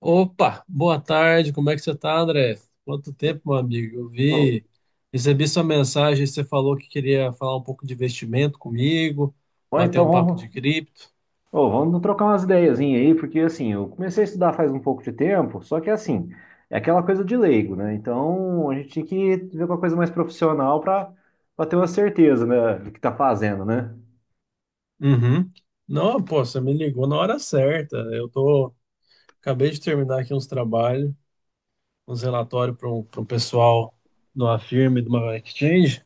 Opa, boa tarde, como é que você tá, André? Quanto tempo, meu amigo? Eu Ou vi, recebi sua mensagem, você falou que queria falar um pouco de investimento comigo, ou bater então um papo de vamos, cripto. ou vamos trocar umas ideiazinhas aí, porque assim, eu comecei a estudar faz um pouco de tempo, só que assim, é aquela coisa de leigo, né? Então a gente tinha que ver uma coisa mais profissional para ter uma certeza, né, do que tá fazendo, né? Uhum. Não, pô, você me ligou na hora certa. Acabei de terminar aqui uns trabalhos, uns relatórios para pra um pessoal de uma firma, e de uma exchange.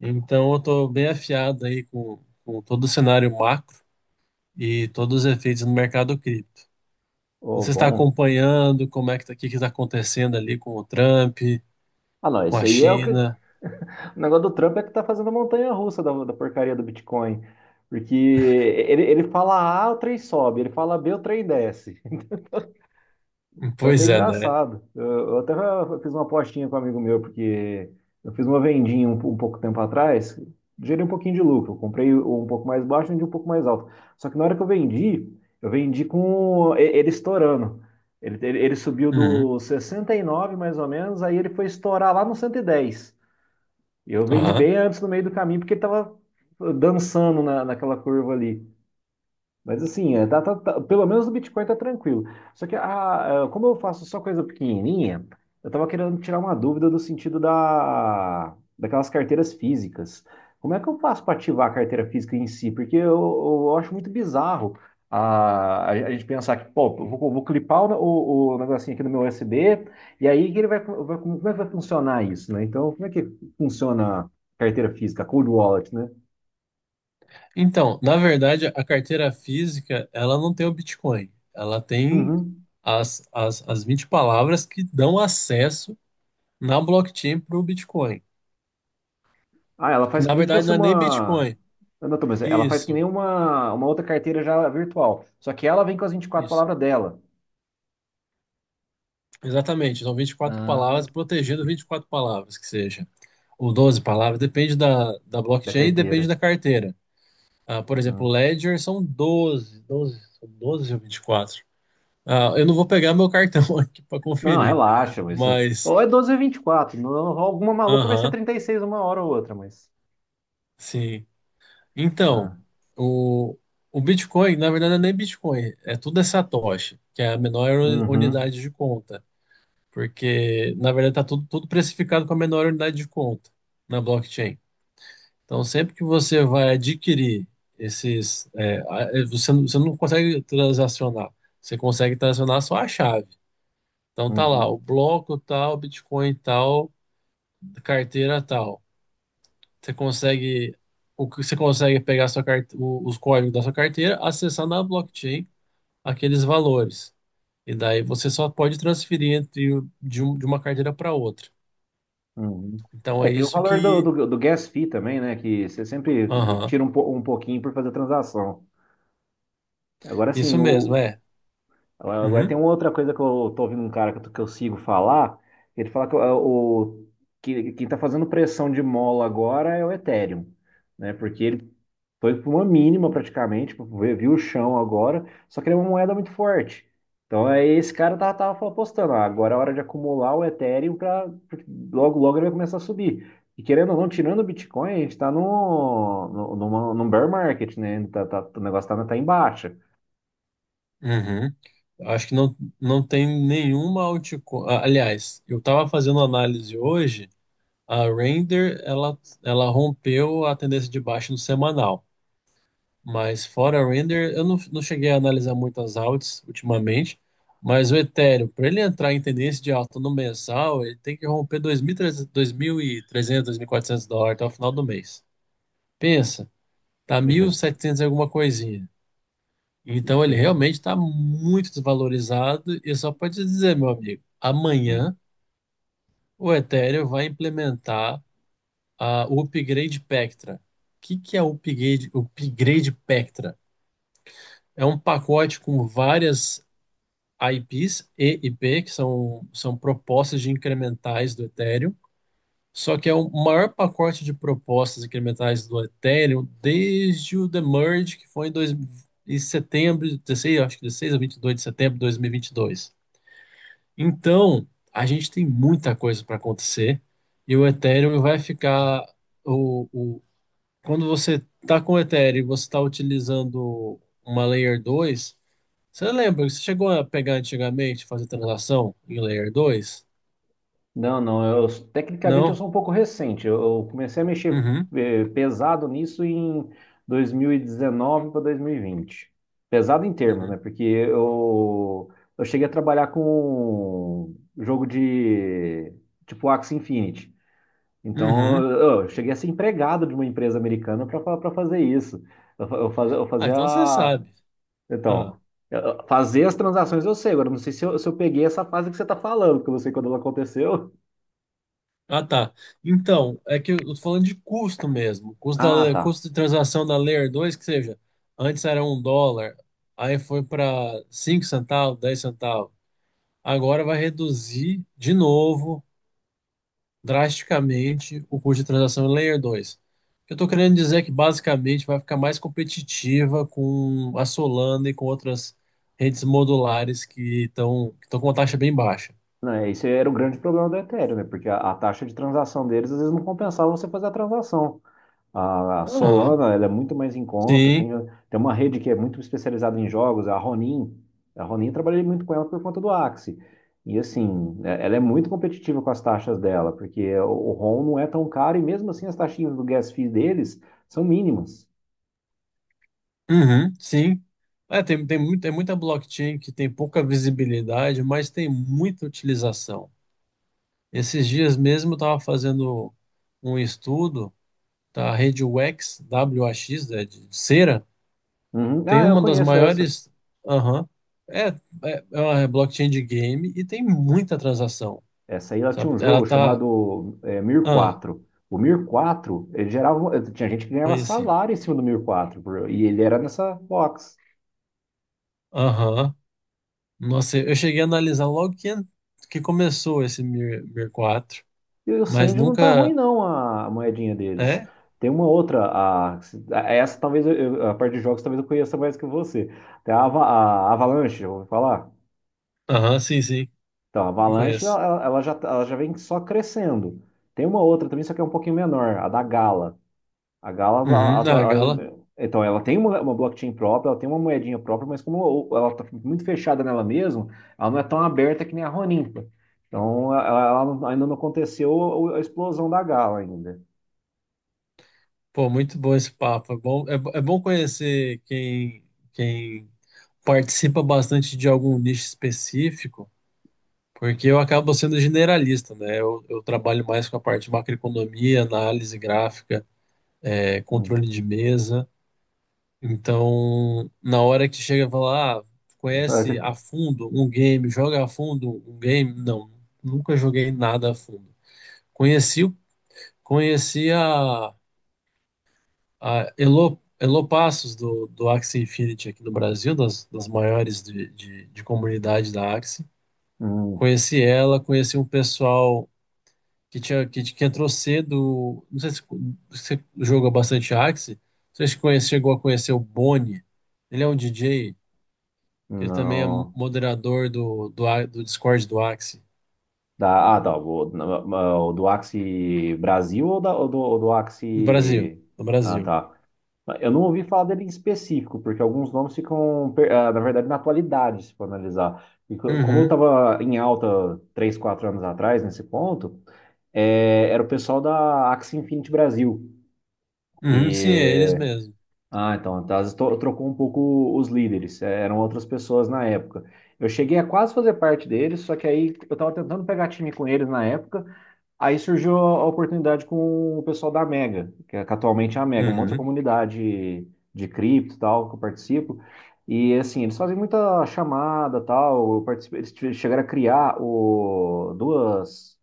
Então eu tô bem afiado aí com todo o cenário macro e todos os efeitos no mercado cripto. Ô, Você está bom. acompanhando como é que tá, o que está acontecendo ali com o Trump, Ah, não, com esse a aí é o que. China? O negócio do Trump é que tá fazendo a montanha russa da porcaria do Bitcoin. Porque ele fala A, o trem sobe, ele fala B, o trem desce. Foi até Pois é, né? engraçado. Eu até fiz uma apostinha com um amigo meu, porque eu fiz uma vendinha um pouco tempo atrás, gerei um pouquinho de lucro. Eu comprei um pouco mais baixo, vendi um pouco mais alto. Só que na hora que eu vendi com ele estourando. Ele subiu Uhum. do 69 mais ou menos, aí ele foi estourar lá no 110. E 10. E eu vendi Aham. bem antes no meio do caminho, porque ele estava dançando naquela curva ali. Mas assim, pelo menos o Bitcoin tá tranquilo. Só que como eu faço só coisa pequenininha, eu tava querendo tirar uma dúvida do sentido daquelas carteiras físicas. Como é que eu faço para ativar a carteira física em si? Porque eu acho muito bizarro a gente pensar que, pô, eu vou clipar o negocinho aqui no meu USB, e aí que ele vai, como é que vai funcionar isso, né? Então, como é que funciona a carteira física, a cold wallet, né? Então, na verdade, a carteira física, ela não tem o Bitcoin. Ela tem Uhum. as 20 palavras que dão acesso na blockchain para o Bitcoin. Ah, ela Que faz que na nem verdade fosse não é nem uma. Bitcoin. Ah, não, tô, mas ela faz que Isso, nem uma outra carteira já virtual. Só que ela vem com as 24 isso. palavras dela. Exatamente. São 24 Ah, palavras, protegendo 24 palavras, que seja. Ou 12 palavras, depende da da blockchain e depende carteira. da carteira. Ah, por exemplo, Hum. Ledger são doze são 12 ou 24. Ah, eu não vou pegar meu cartão aqui para Não, conferir, relaxa, mas. mas, Ou é 12 ou é 24. Não, alguma maluca vai ser aham, 36 uma hora ou outra, mas. sim. Então, Ah. o, o Bitcoin, na verdade, não é nem Bitcoin, é tudo é Satoshi, que é a menor Uhum, unidade de conta, porque, na verdade, tá tudo precificado com a menor unidade de conta na blockchain. Então, sempre que você vai adquirir esses, você, você não consegue transacionar, você consegue transacionar só a chave. Então, tá lá, uhum, o bloco tal, Bitcoin tal, carteira tal. Você consegue, o que você consegue pegar a sua os códigos da sua carteira, acessar na blockchain aqueles valores. E daí você só pode transferir entre, o- de, um- de uma carteira para outra. uhum. Então, É, é tem o isso valor do, que. do, do gas fee também, né? Que você sempre Aham, tira um pouquinho por fazer transação. Agora sim. isso mesmo, o, é. Agora agora tem Uhum, uma outra coisa que eu tô ouvindo um cara que eu sigo falar. Ele fala que quem tá fazendo pressão de mola agora é o Ethereum, né? Porque ele foi para uma mínima praticamente, viu o chão agora, só que ele é uma moeda muito forte. Então aí esse cara tava apostando, ah, agora é hora de acumular o Ethereum para logo logo ele vai começar a subir. E querendo ou não, tirando o Bitcoin, a gente está no, no, numa- num bear market, né? O negócio tá em baixa. uhum. Acho que não, não tem nenhuma altcoin. Ah, aliás, eu estava fazendo análise hoje, a Render ela rompeu a tendência de baixa no semanal. Mas fora a Render, eu não cheguei a analisar muitas altas ultimamente. Mas o Ethereum, para ele entrar em tendência de alta no mensal, ele tem que romper 2.300, 2.300, 400 dólares até o final do mês. Pensa, tá Deixa eu 1.700 ver. e 700 e alguma coisinha. Então Ixi, ele então. realmente está muito desvalorizado e só pode te dizer, meu amigo, amanhã o Ethereum vai implementar o Upgrade Pectra. O que, que é o Upgrade, Upgrade Pectra? É um pacote com várias IPs e IP, que são propostas de incrementais do Ethereum, só que é o maior pacote de propostas incrementais do Ethereum desde o The Merge, que foi em setembro, 16, acho que 16 a vinte e dois de setembro de dois mil e vinte e dois. Então, a gente tem muita coisa para acontecer e o Ethereum vai ficar o, o- quando você está com o Ethereum, e você está utilizando uma Layer 2. Você lembra que você chegou a pegar antigamente, fazer transação em Layer 2? Não, não, eu tecnicamente eu Não? sou um pouco recente. Eu comecei a mexer Uhum, pesado nisso em 2019 para 2020. Pesado em termos, né? uhum, Porque eu cheguei a trabalhar com jogo de tipo Axie Infinity. Então uhum. eu cheguei a ser empregado de uma empresa americana para fazer isso. Eu Ah, então você fazia. sabe. Ah. Então, fazer as transações eu sei, agora não sei se eu peguei essa fase que você está falando, porque eu não sei quando ela aconteceu. Ah, tá. Então, é que eu tô falando de custo mesmo. Custo, Ah, tá. custo de transação da Layer 2 que seja, antes era 1 dólar, aí foi para 5 centavos, 10 centavos. Agora vai reduzir de novo, drasticamente, o custo de transação em Layer 2. O que eu estou querendo dizer é que basicamente vai ficar mais competitiva com a Solana e com outras redes modulares que estão com uma taxa bem baixa. Não, esse era o grande problema do Ethereum, né? Porque a taxa de transação deles às vezes não compensava você fazer a transação. A Aham. Solana, ela é muito mais em conta, tem, Sim. tem uma rede que é muito especializada em jogos, a Ronin. A Ronin eu trabalhei muito com ela por conta do Axie. E assim, ela é muito competitiva com as taxas dela, porque o ROM não é tão caro e mesmo assim as taxinhas do gas fee deles são mínimas. Uhum, sim. É, tem muita blockchain que tem pouca visibilidade, mas tem muita utilização. Esses dias mesmo eu estava fazendo um estudo da rede WAX, WAX, né, de cera. Uhum. Tem Ah, eu uma das conheço essa. maiores. Aham. é, é uma blockchain de game e tem muita transação. Essa aí ela tinha Sabe? um Ela jogo tá. chamado Mir Ah, 4. O Mir 4, ele gerava. Tinha gente que ganhava conheci. salário em cima do Mir 4, e ele era nessa box. Aham. Nossa, eu cheguei a analisar logo que começou esse Mir, Mir 4 E o mas Sandy não tá ruim, nunca. não, a moedinha deles. É, Tem uma outra, essa talvez a parte de jogos talvez eu conheça mais que você. Tem a Avalanche, eu vou falar. aham, sim, sim, Então, a me Avalanche conheço. ela já vem só crescendo. Tem uma outra também, só que é um pouquinho menor, a da Gala. A Galas, Uhum, na a- Gala. Então, ela tem uma blockchain própria, ela tem uma moedinha própria, mas como ela está muito fechada nela mesma, ela não é tão aberta que nem a Roninca. Então, ela não- ainda não aconteceu a explosão da Gala ainda. Pô, muito bom esse papo. É bom, conhecer quem participa bastante de algum nicho específico, porque eu acabo sendo generalista, né? Eu trabalho mais com a parte de macroeconomia, análise gráfica, Hum. controle de mesa. Então, na hora que chega e fala, ah, conhece a fundo um game, joga a fundo um game? Não, nunca joguei nada a fundo. Conheci, conheci a Elo, Elo Passos, do Axie Infinity aqui no Brasil, das maiores de comunidade da Axie. Hum, Conheci ela, conheci um pessoal que entrou cedo. Não sei se você joga bastante Axie. Não sei se conhece, chegou a conhecer o Boni. Ele é um DJ, ele também é não. moderador do Discord do Axie. Ah, tá. O do Axie Brasil ou do No Brasil, Axie. no Ah, Brasil. tá. Eu não ouvi falar dele em específico, porque alguns nomes ficam, na verdade, na atualidade, se for analisar. E como eu Uhum, estava em alta 3, 4 anos atrás, nesse ponto, era o pessoal da Axie Infinity Brasil, uhum, sim, é eles que. mesmo. Ah, então, tá, às vezes trocou um pouco os líderes, eram outras pessoas na época. Eu cheguei a quase fazer parte deles, só que aí eu estava tentando pegar time com eles na época. Aí surgiu a oportunidade com o pessoal da Mega, que é que atualmente é a Mega, uma outra Uhum, comunidade de cripto e tal, que eu participo. E assim, eles fazem muita chamada e tal. Eu participo, eles chegaram a criar 2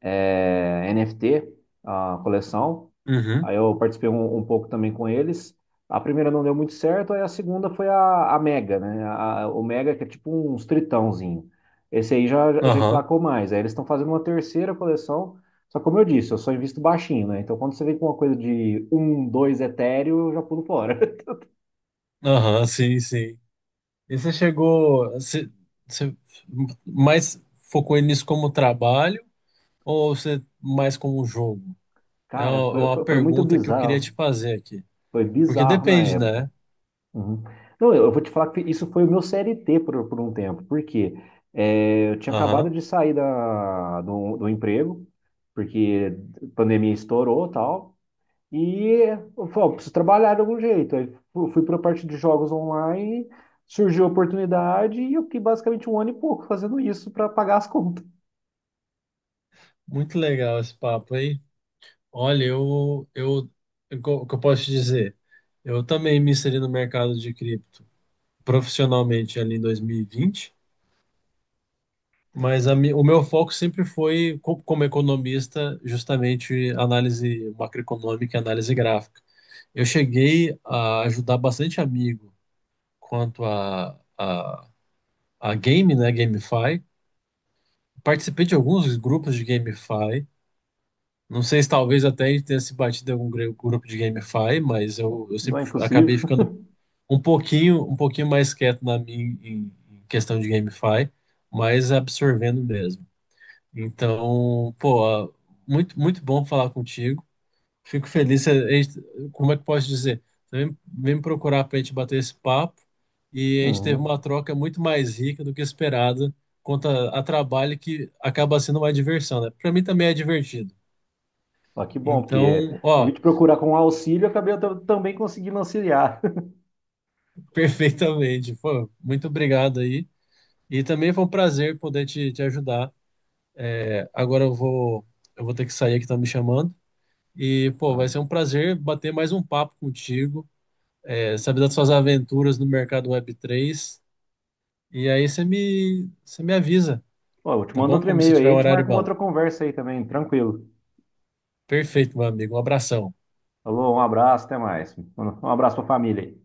NFT, a coleção. uhum, Aí eu participei um pouco também com eles. A primeira não deu muito certo, aí a segunda foi a Mega, né? O Mega, que é tipo um tritãozinho. Esse aí já aham, emplacou mais. Aí eles estão fazendo uma terceira coleção. Só que, como eu disse, eu só invisto baixinho, né? Então quando você vem com uma coisa de um, dois etéreo, eu já pulo fora. aham, sim, sim. E você mais focou nisso como trabalho ou você mais como um jogo? É Cara, uma, é foi, uma foi, foi muito pergunta que eu queria te bizarro. fazer aqui. Foi Porque bizarro na depende, época. né? Uhum. Não, eu vou te falar que isso foi o meu CLT por um tempo, porque eu tinha acabado Aham. de sair do emprego, porque a pandemia estourou e tal, e eu falei: "Ó, preciso trabalhar de algum jeito." Aí fui para a parte de jogos online, surgiu a oportunidade e eu fiquei basicamente um ano e pouco fazendo isso para pagar as contas. Muito legal esse papo aí. Olha, o que eu posso te dizer? Eu também me inseri no mercado de cripto profissionalmente ali em 2020. Mas o meu foco sempre foi, como economista, justamente análise macroeconômica e análise gráfica. Eu cheguei a ajudar bastante amigo quanto a game, né, GameFi. Participei de alguns grupos de GameFi. Não sei se talvez até a gente tenha se batido em algum grupo de GameFi, mas eu Não é sempre acabei impossível. ficando um pouquinho mais quieto na minha em em questão de GameFi, mas absorvendo mesmo. Então, pô, muito, muito bom falar contigo. Fico feliz. Como é que posso dizer? Você vem me procurar para a gente bater esse papo e a gente teve Uhum. uma troca muito mais rica do que esperada quanto a trabalho que acaba sendo uma diversão, né? Para mim também é divertido. Ah, que bom, porque Então, eu vim ó, te procurar com auxílio, acabei eu também conseguindo auxiliar. perfeitamente. Pô, muito obrigado aí. E também foi um prazer poder te ajudar. É, agora eu vou ter que sair que estão me chamando. E, pô, vai ser um prazer bater mais um papo contigo. É, sabe das suas aventuras no mercado Web3. E aí você me avisa, Pô, eu te tá mando bom? outro Como se e-mail aí, a tiver um gente horário marca uma bom. outra conversa aí também, tranquilo. Perfeito, meu amigo. Um abração. Falou, um abraço, até mais. Um abraço pra família aí.